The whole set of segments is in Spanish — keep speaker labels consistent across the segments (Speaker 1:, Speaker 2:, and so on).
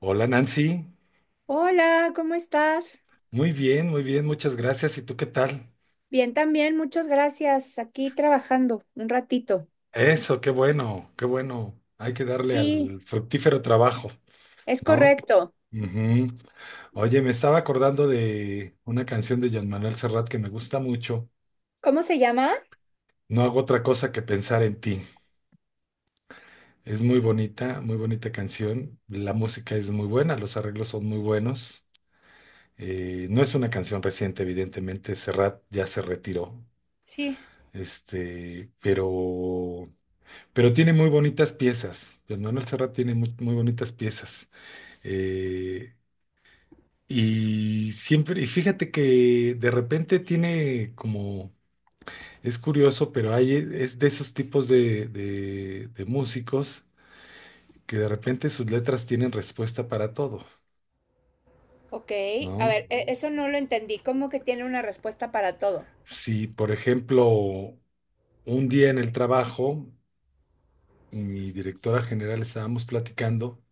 Speaker 1: Hola Nancy,
Speaker 2: Hola, ¿cómo estás?
Speaker 1: muy bien, muchas gracias. ¿Y tú qué tal?
Speaker 2: Bien, también, muchas gracias. Aquí trabajando un ratito.
Speaker 1: Eso, qué bueno, qué bueno. Hay que darle
Speaker 2: Sí,
Speaker 1: al fructífero trabajo,
Speaker 2: es
Speaker 1: ¿no?
Speaker 2: correcto.
Speaker 1: Ujú. Oye, me estaba acordando de una canción de Jean Manuel Serrat que me gusta mucho.
Speaker 2: ¿Cómo se llama?
Speaker 1: No hago otra cosa que pensar en ti. Es muy bonita canción. La música es muy buena, los arreglos son muy buenos. No es una canción reciente, evidentemente. Serrat ya se retiró.
Speaker 2: Sí.
Speaker 1: Este, pero Pero tiene muy bonitas piezas. Don Manuel Serrat tiene muy, muy bonitas piezas. Eh, y siempre, y fíjate que de repente tiene como, es curioso, pero hay, es de esos tipos de, músicos que de repente sus letras tienen respuesta para todo,
Speaker 2: Ok, a
Speaker 1: ¿no?
Speaker 2: ver, eso no lo entendí. ¿Cómo que tiene una respuesta para todo?
Speaker 1: Si, por ejemplo, un día en el trabajo, mi directora general estábamos platicando.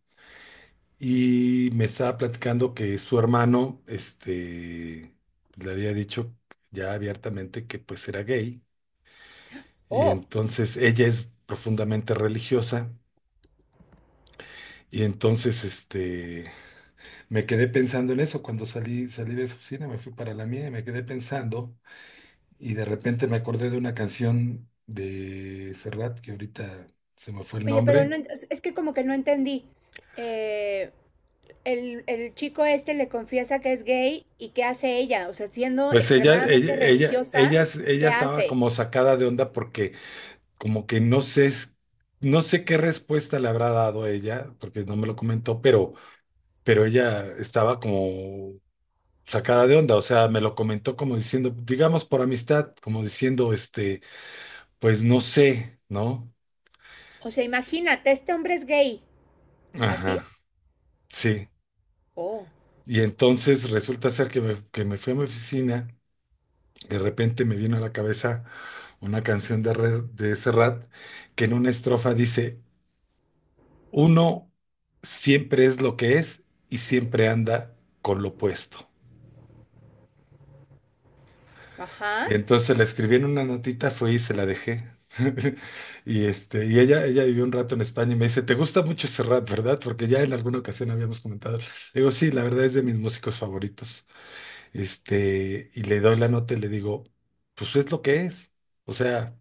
Speaker 1: Y me estaba platicando que su hermano, le había dicho ya abiertamente que pues era gay. Y
Speaker 2: Oh,
Speaker 1: entonces ella es profundamente religiosa. Y entonces, me quedé pensando en eso cuando salí de su oficina, me fui para la mía y me quedé pensando. Y de repente me acordé de una canción de Serrat, que ahorita se me fue el
Speaker 2: oye, pero no,
Speaker 1: nombre.
Speaker 2: es que como que no entendí. Eh, el chico este le confiesa que es gay y ¿qué hace ella? O sea, siendo
Speaker 1: Pues
Speaker 2: extremadamente religiosa,
Speaker 1: ella
Speaker 2: ¿qué
Speaker 1: estaba
Speaker 2: hace?
Speaker 1: como sacada de onda porque como que no sé, no sé qué respuesta le habrá dado ella, porque no me lo comentó, pero ella estaba como sacada de onda, o sea, me lo comentó como diciendo, digamos por amistad, como diciendo, pues no sé, ¿no?
Speaker 2: O sea, imagínate, este hombre es gay. ¿Así?
Speaker 1: Ajá, sí.
Speaker 2: Oh,
Speaker 1: Y entonces resulta ser que me fui a mi oficina, de repente me vino a la cabeza una canción de Serrat que en una estrofa dice, uno siempre es lo que es y siempre anda con lo opuesto.
Speaker 2: ajá.
Speaker 1: Y entonces le escribí en una notita, fui y se la dejé. Y ella vivió un rato en España y me dice, ¿te gusta mucho Serrat, verdad? Porque ya en alguna ocasión habíamos comentado. Le digo, sí, la verdad es de mis músicos favoritos. Y le doy la nota y le digo, pues es lo que es. O sea,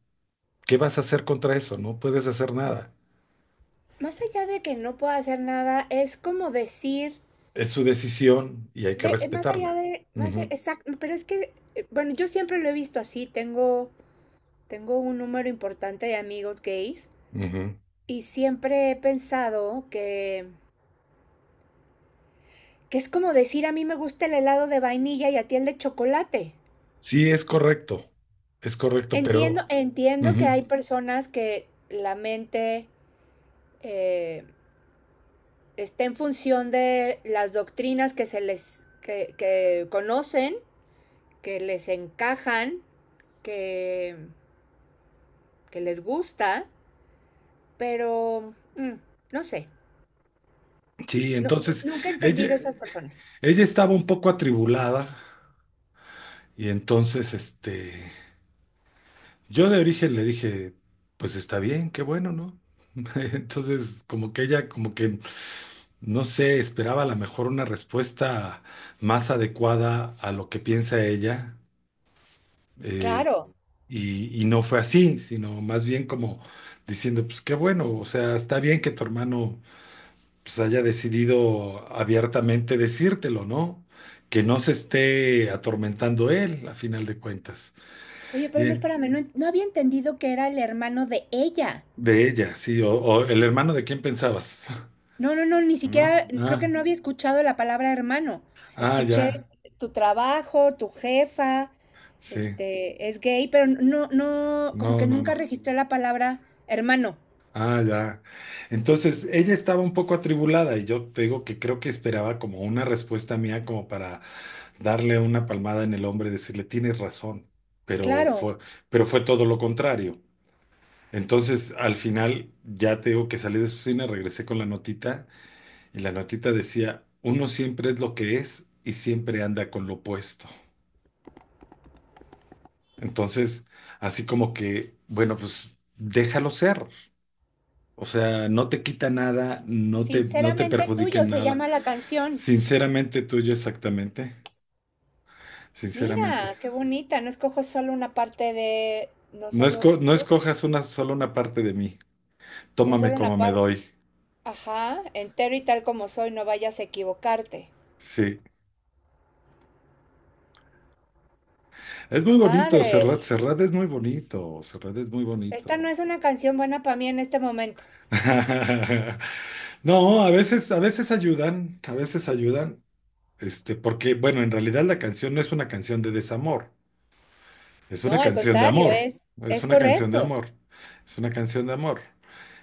Speaker 1: ¿qué vas a hacer contra eso? No puedes hacer nada.
Speaker 2: Más allá de que no pueda hacer nada, es como decir,
Speaker 1: Es su decisión y hay que
Speaker 2: de, más allá
Speaker 1: respetarla.
Speaker 2: de, más
Speaker 1: Ujú,
Speaker 2: exacto, pero es que, bueno, yo siempre lo he visto así, tengo un número importante de amigos gays
Speaker 1: ujú.
Speaker 2: y siempre he pensado que es como decir a mí me gusta el helado de vainilla y a ti el de chocolate.
Speaker 1: Sí, es correcto,
Speaker 2: Entiendo,
Speaker 1: pero
Speaker 2: entiendo que
Speaker 1: ujú,
Speaker 2: hay personas que la mente eh, está en función de las doctrinas que se les que conocen que les encajan, que, que les gusta, pero no sé,
Speaker 1: sí,
Speaker 2: no-
Speaker 1: entonces
Speaker 2: nunca he entendido a
Speaker 1: ella,
Speaker 2: esas personas.
Speaker 1: ella estaba un poco atribulada y entonces, yo de origen le dije, pues está bien, qué bueno, ¿no? Entonces, como que ella, como que, no sé, esperaba a lo mejor una respuesta más adecuada a lo que piensa ella, eh,
Speaker 2: Claro.
Speaker 1: y no fue así, sino más bien como diciendo, pues qué bueno, o sea, está bien que tu hermano pues haya decidido abiertamente decírtelo, ¿no? Que no se esté atormentando él, a final de cuentas.
Speaker 2: Oye, pero no,
Speaker 1: Y
Speaker 2: espérame, no, no había entendido que era el hermano de ella.
Speaker 1: de ella, sí, o el hermano de quién pensabas,
Speaker 2: No, no, no, ni siquiera,
Speaker 1: ¿no?
Speaker 2: creo que
Speaker 1: Ah,
Speaker 2: no había escuchado la palabra hermano.
Speaker 1: ah,
Speaker 2: Escuché
Speaker 1: ya,
Speaker 2: tu trabajo, tu jefa,
Speaker 1: sí,
Speaker 2: este, es gay, pero no, no, como
Speaker 1: no,
Speaker 2: que
Speaker 1: no, no.
Speaker 2: nunca registré la palabra hermano.
Speaker 1: Ah, ya. Entonces, ella estaba un poco atribulada y yo te digo que creo que esperaba como una respuesta mía como para darle una palmada en el hombro y decirle, tienes razón, pero fue,
Speaker 2: Claro,
Speaker 1: pero fue todo lo contrario. Entonces, al final, ya te digo que salí de su oficina, regresé con la notita y la notita decía, uno siempre es lo que es y siempre anda con lo opuesto. Entonces, así como que, bueno, pues déjalo ser. O sea, no te quita nada, no te
Speaker 2: sinceramente
Speaker 1: perjudica
Speaker 2: tuyo
Speaker 1: en
Speaker 2: se
Speaker 1: nada.
Speaker 2: llama la canción.
Speaker 1: Sinceramente tuyo, exactamente, sinceramente.
Speaker 2: Mira, qué bonita. No escojo solo una parte de, no solo,
Speaker 1: No
Speaker 2: ¿qué?
Speaker 1: escojas una, solo una parte de mí.
Speaker 2: No
Speaker 1: Tómame
Speaker 2: solo una
Speaker 1: como me
Speaker 2: parte.
Speaker 1: doy.
Speaker 2: Ajá, entero y tal como soy, no vayas a equivocarte.
Speaker 1: Sí. Es muy bonito,
Speaker 2: Madres,
Speaker 1: Serrat. Serrat es muy bonito. Serrat es muy
Speaker 2: esta no
Speaker 1: bonito.
Speaker 2: es una canción buena para mí en este momento.
Speaker 1: No, a veces ayudan, porque, bueno, en realidad la canción no es una canción de desamor, es una
Speaker 2: No, al
Speaker 1: canción de
Speaker 2: contrario,
Speaker 1: amor, es
Speaker 2: es
Speaker 1: una canción de
Speaker 2: correcto.
Speaker 1: amor, es una canción de amor.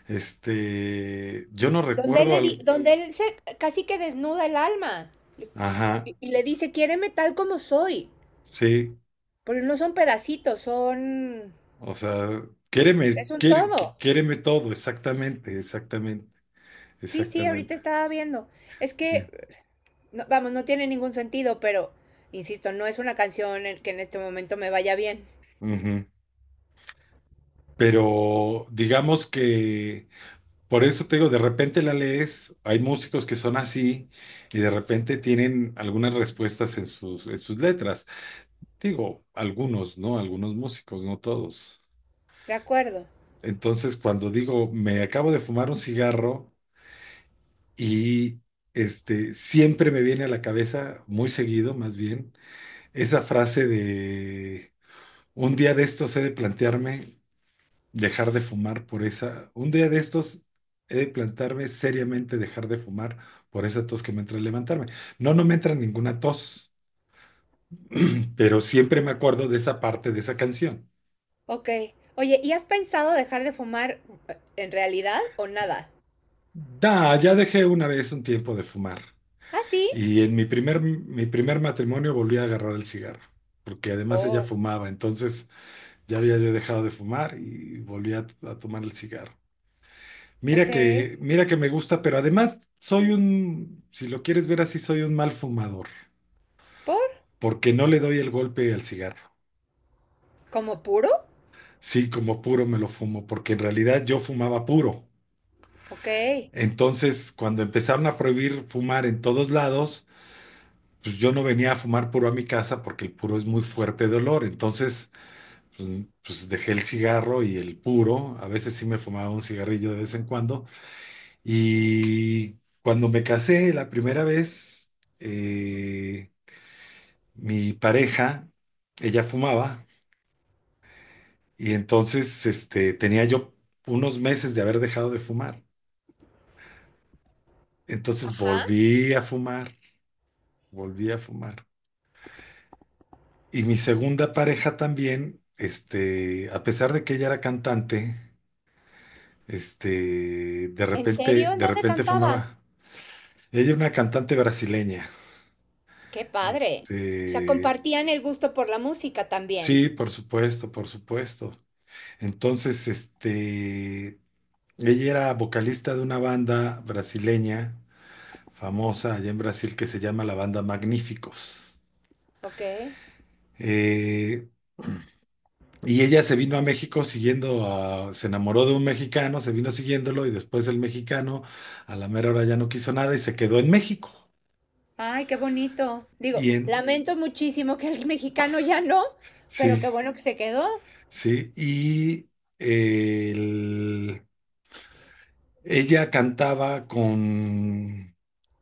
Speaker 1: Yo no
Speaker 2: Donde él
Speaker 1: recuerdo al,
Speaker 2: donde él se casi que desnuda el alma
Speaker 1: ajá,
Speaker 2: y le dice, quiéreme tal como soy.
Speaker 1: sí,
Speaker 2: Porque no son pedacitos, son,
Speaker 1: o sea,
Speaker 2: es un todo.
Speaker 1: quiéreme todo, exactamente, exactamente,
Speaker 2: Sí, sí, ahorita
Speaker 1: exactamente,
Speaker 2: estaba viendo. Es
Speaker 1: sí.
Speaker 2: que no, vamos, no tiene ningún sentido, pero, insisto, no es una canción que en este momento me vaya bien.
Speaker 1: Ujú. Pero digamos que Por eso te digo, de repente la lees, hay músicos que son así y de repente tienen algunas respuestas en sus letras. Digo, algunos, ¿no? Algunos músicos, no todos.
Speaker 2: De acuerdo.
Speaker 1: Entonces, cuando digo, me acabo de fumar un cigarro y siempre me viene a la cabeza, muy seguido más bien, esa frase de, un día de estos he de plantearme dejar de fumar por esa. Un día de estos he de plantarme seriamente dejar de fumar por esa tos que me entra al levantarme. No, no me entra ninguna tos, pero siempre me acuerdo de esa parte de esa canción.
Speaker 2: Ok. Oye, ¿y has pensado dejar de fumar en realidad o nada?
Speaker 1: Da, ya dejé una vez un tiempo de fumar.
Speaker 2: ¿Ah, sí?
Speaker 1: Y en mi primer matrimonio volví a agarrar el cigarro, porque además ella
Speaker 2: Oh,
Speaker 1: fumaba, entonces ya había yo dejado de fumar y volví a tomar el cigarro.
Speaker 2: ok.
Speaker 1: Mira que me gusta, pero además soy un, si lo quieres ver así, soy un mal fumador,
Speaker 2: ¿Por?
Speaker 1: porque no le doy el golpe al cigarro.
Speaker 2: ¿Como puro?
Speaker 1: Sí, como puro me lo fumo, porque en realidad yo fumaba puro.
Speaker 2: Ok.
Speaker 1: Entonces, cuando empezaron a prohibir fumar en todos lados, pues yo no venía a fumar puro a mi casa porque el puro es muy fuerte de olor. Entonces, pues, pues dejé el cigarro y el puro. A veces sí me fumaba un cigarrillo de vez en cuando. Y cuando me casé la primera vez, eh, mi pareja, ella fumaba y entonces tenía yo unos meses de haber dejado de fumar. Entonces
Speaker 2: Ajá.
Speaker 1: volví a fumar, volví a fumar. Y mi segunda pareja también, a pesar de que ella era cantante,
Speaker 2: ¿En serio? ¿En
Speaker 1: de
Speaker 2: dónde
Speaker 1: repente
Speaker 2: cantaba?
Speaker 1: fumaba. Ella era una cantante brasileña.
Speaker 2: Qué padre. O sea,
Speaker 1: Este,
Speaker 2: compartían el gusto por la música también.
Speaker 1: sí, por supuesto, por supuesto. Entonces, ella era vocalista de una banda brasileña famosa allá en Brasil que se llama la banda Magníficos.
Speaker 2: Ok.
Speaker 1: Eh, y ella se vino a México se enamoró de un mexicano, se vino siguiéndolo y después el mexicano a la mera hora ya no quiso nada y se quedó en México.
Speaker 2: Ay, qué bonito. Digo,
Speaker 1: Y en,
Speaker 2: lamento muchísimo que el mexicano ya no, pero
Speaker 1: sí,
Speaker 2: qué bueno que se quedó.
Speaker 1: sí, y eh, el- ella cantaba con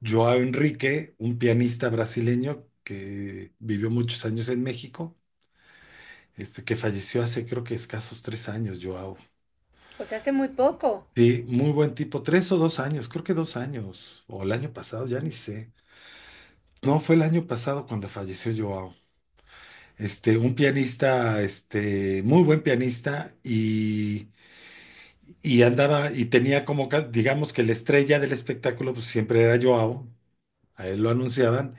Speaker 1: Joao Enrique, un pianista brasileño que vivió muchos años en México, que falleció hace creo que escasos tres años, Joao.
Speaker 2: ¿O pues hace muy poco?
Speaker 1: Sí, muy buen tipo, tres o dos años, creo que dos años, o el año pasado, ya ni sé. No, fue el año pasado cuando falleció Joao. Un pianista, muy buen pianista y andaba y tenía como, digamos que la estrella del espectáculo, pues siempre era Joao, a él lo anunciaban,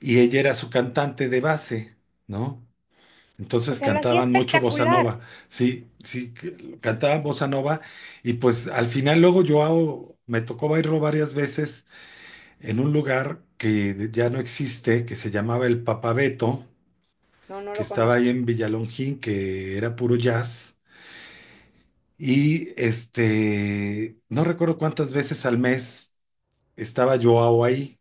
Speaker 1: y ella era su cantante de base, ¿no?
Speaker 2: O
Speaker 1: Entonces
Speaker 2: sea, lo hacía
Speaker 1: cantaban mucho bossa
Speaker 2: espectacular.
Speaker 1: nova, sí, sí, cantaban bossa nova y pues al final luego me tocó bailar varias veces en un lugar que ya no existe, que se llamaba el Papabeto,
Speaker 2: No, no
Speaker 1: que
Speaker 2: lo
Speaker 1: estaba ahí
Speaker 2: conozco.
Speaker 1: en Villalongín, que era puro jazz y no recuerdo cuántas veces al mes estaba yo ahí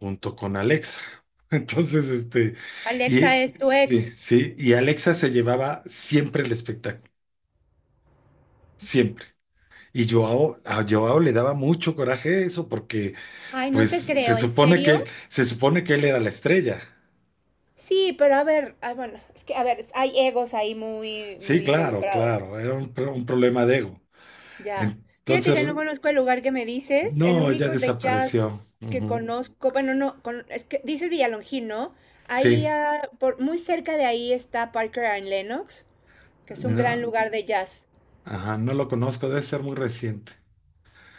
Speaker 1: junto con Alexa. Entonces,
Speaker 2: Alexa
Speaker 1: y
Speaker 2: es tu
Speaker 1: sí,
Speaker 2: ex.
Speaker 1: sí, y Alexa se llevaba siempre el espectáculo. Siempre. Y Joao, a Joao le daba mucho coraje eso porque
Speaker 2: Ay, no
Speaker 1: pues
Speaker 2: te creo, ¿en serio?
Speaker 1: se supone que él era la estrella.
Speaker 2: Sí, pero a ver, ay, bueno, es que a ver, hay egos ahí muy,
Speaker 1: Sí,
Speaker 2: muy
Speaker 1: claro,
Speaker 2: involucrados.
Speaker 1: claro, era un problema de ego.
Speaker 2: Ya. Fíjate
Speaker 1: Entonces,
Speaker 2: que no conozco el lugar que me dices. El
Speaker 1: no, ya
Speaker 2: único de jazz
Speaker 1: desapareció.
Speaker 2: que
Speaker 1: Ujú.
Speaker 2: conozco, bueno, no, es que dices Villalongín, ¿no? Ahí,
Speaker 1: Sí,
Speaker 2: ah, por, muy cerca de ahí está Parker and Lennox, que es un gran
Speaker 1: no,
Speaker 2: lugar de jazz.
Speaker 1: ajá, no lo conozco, debe ser muy reciente.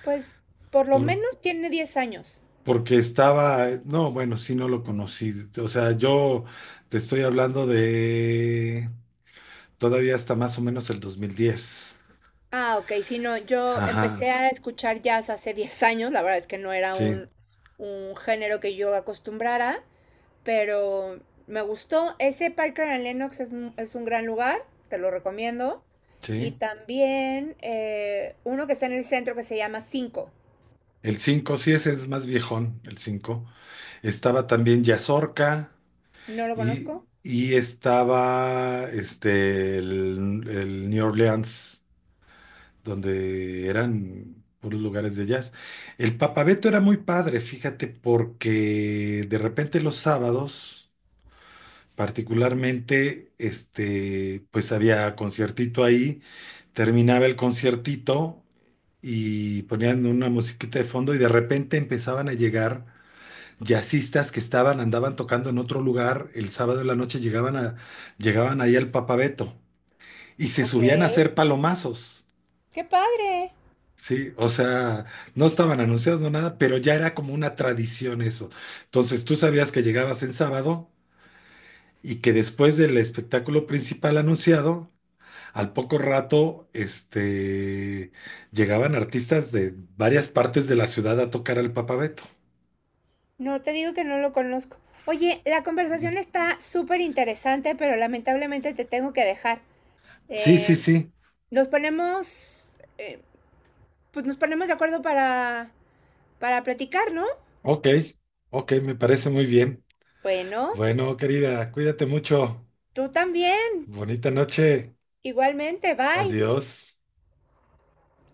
Speaker 2: Pues, por lo
Speaker 1: Por-
Speaker 2: menos tiene 10 años.
Speaker 1: Porque estaba, no, bueno, sí, no lo conocí. O sea, yo te estoy hablando de todavía hasta más o menos el 2010.
Speaker 2: Ah, ok, sí, no, yo
Speaker 1: Ajá,
Speaker 2: empecé a escuchar jazz hace 10 años, la verdad es que no era
Speaker 1: sí.
Speaker 2: un género que yo acostumbrara, pero me gustó. Ese Parker and Lennox es, es un gran lugar, te lo recomiendo. Y
Speaker 1: Sí,
Speaker 2: también uno que está en el centro que se llama Cinco.
Speaker 1: el 5 sí, ese es más viejón, el cinco. Estaba también Yazorca
Speaker 2: ¿No lo conozco?
Speaker 1: y estaba el New Orleans, donde eran puros lugares de jazz. El Papabeto era muy padre, fíjate, porque de repente los sábados, particularmente, pues había conciertito ahí. Terminaba el conciertito y ponían una musiquita de fondo y de repente empezaban a llegar jazzistas que estaban, andaban tocando en otro lugar, el sábado de la noche llegaban ahí al Papabeto y se
Speaker 2: Ok.
Speaker 1: subían a hacer palomazos.
Speaker 2: ¡Qué padre!
Speaker 1: Sí, o sea, no estaban anunciados, no nada, pero ya era como una tradición eso. Entonces tú sabías que llegabas en sábado y que después del espectáculo principal anunciado, al poco rato, llegaban artistas de varias partes de la ciudad a tocar al Papa Beto.
Speaker 2: No, te digo que no lo conozco. Oye, la conversación está súper interesante, pero lamentablemente te tengo que dejar.
Speaker 1: Sí, sí,
Speaker 2: Eh,
Speaker 1: sí.
Speaker 2: nos ponemos, eh, pues nos ponemos de acuerdo para platicar, ¿no?
Speaker 1: Ok, ok, me parece muy bien.
Speaker 2: Bueno,
Speaker 1: Bueno, querida, cuídate mucho.
Speaker 2: tú también,
Speaker 1: Bonita noche.
Speaker 2: igualmente, bye.
Speaker 1: Adiós.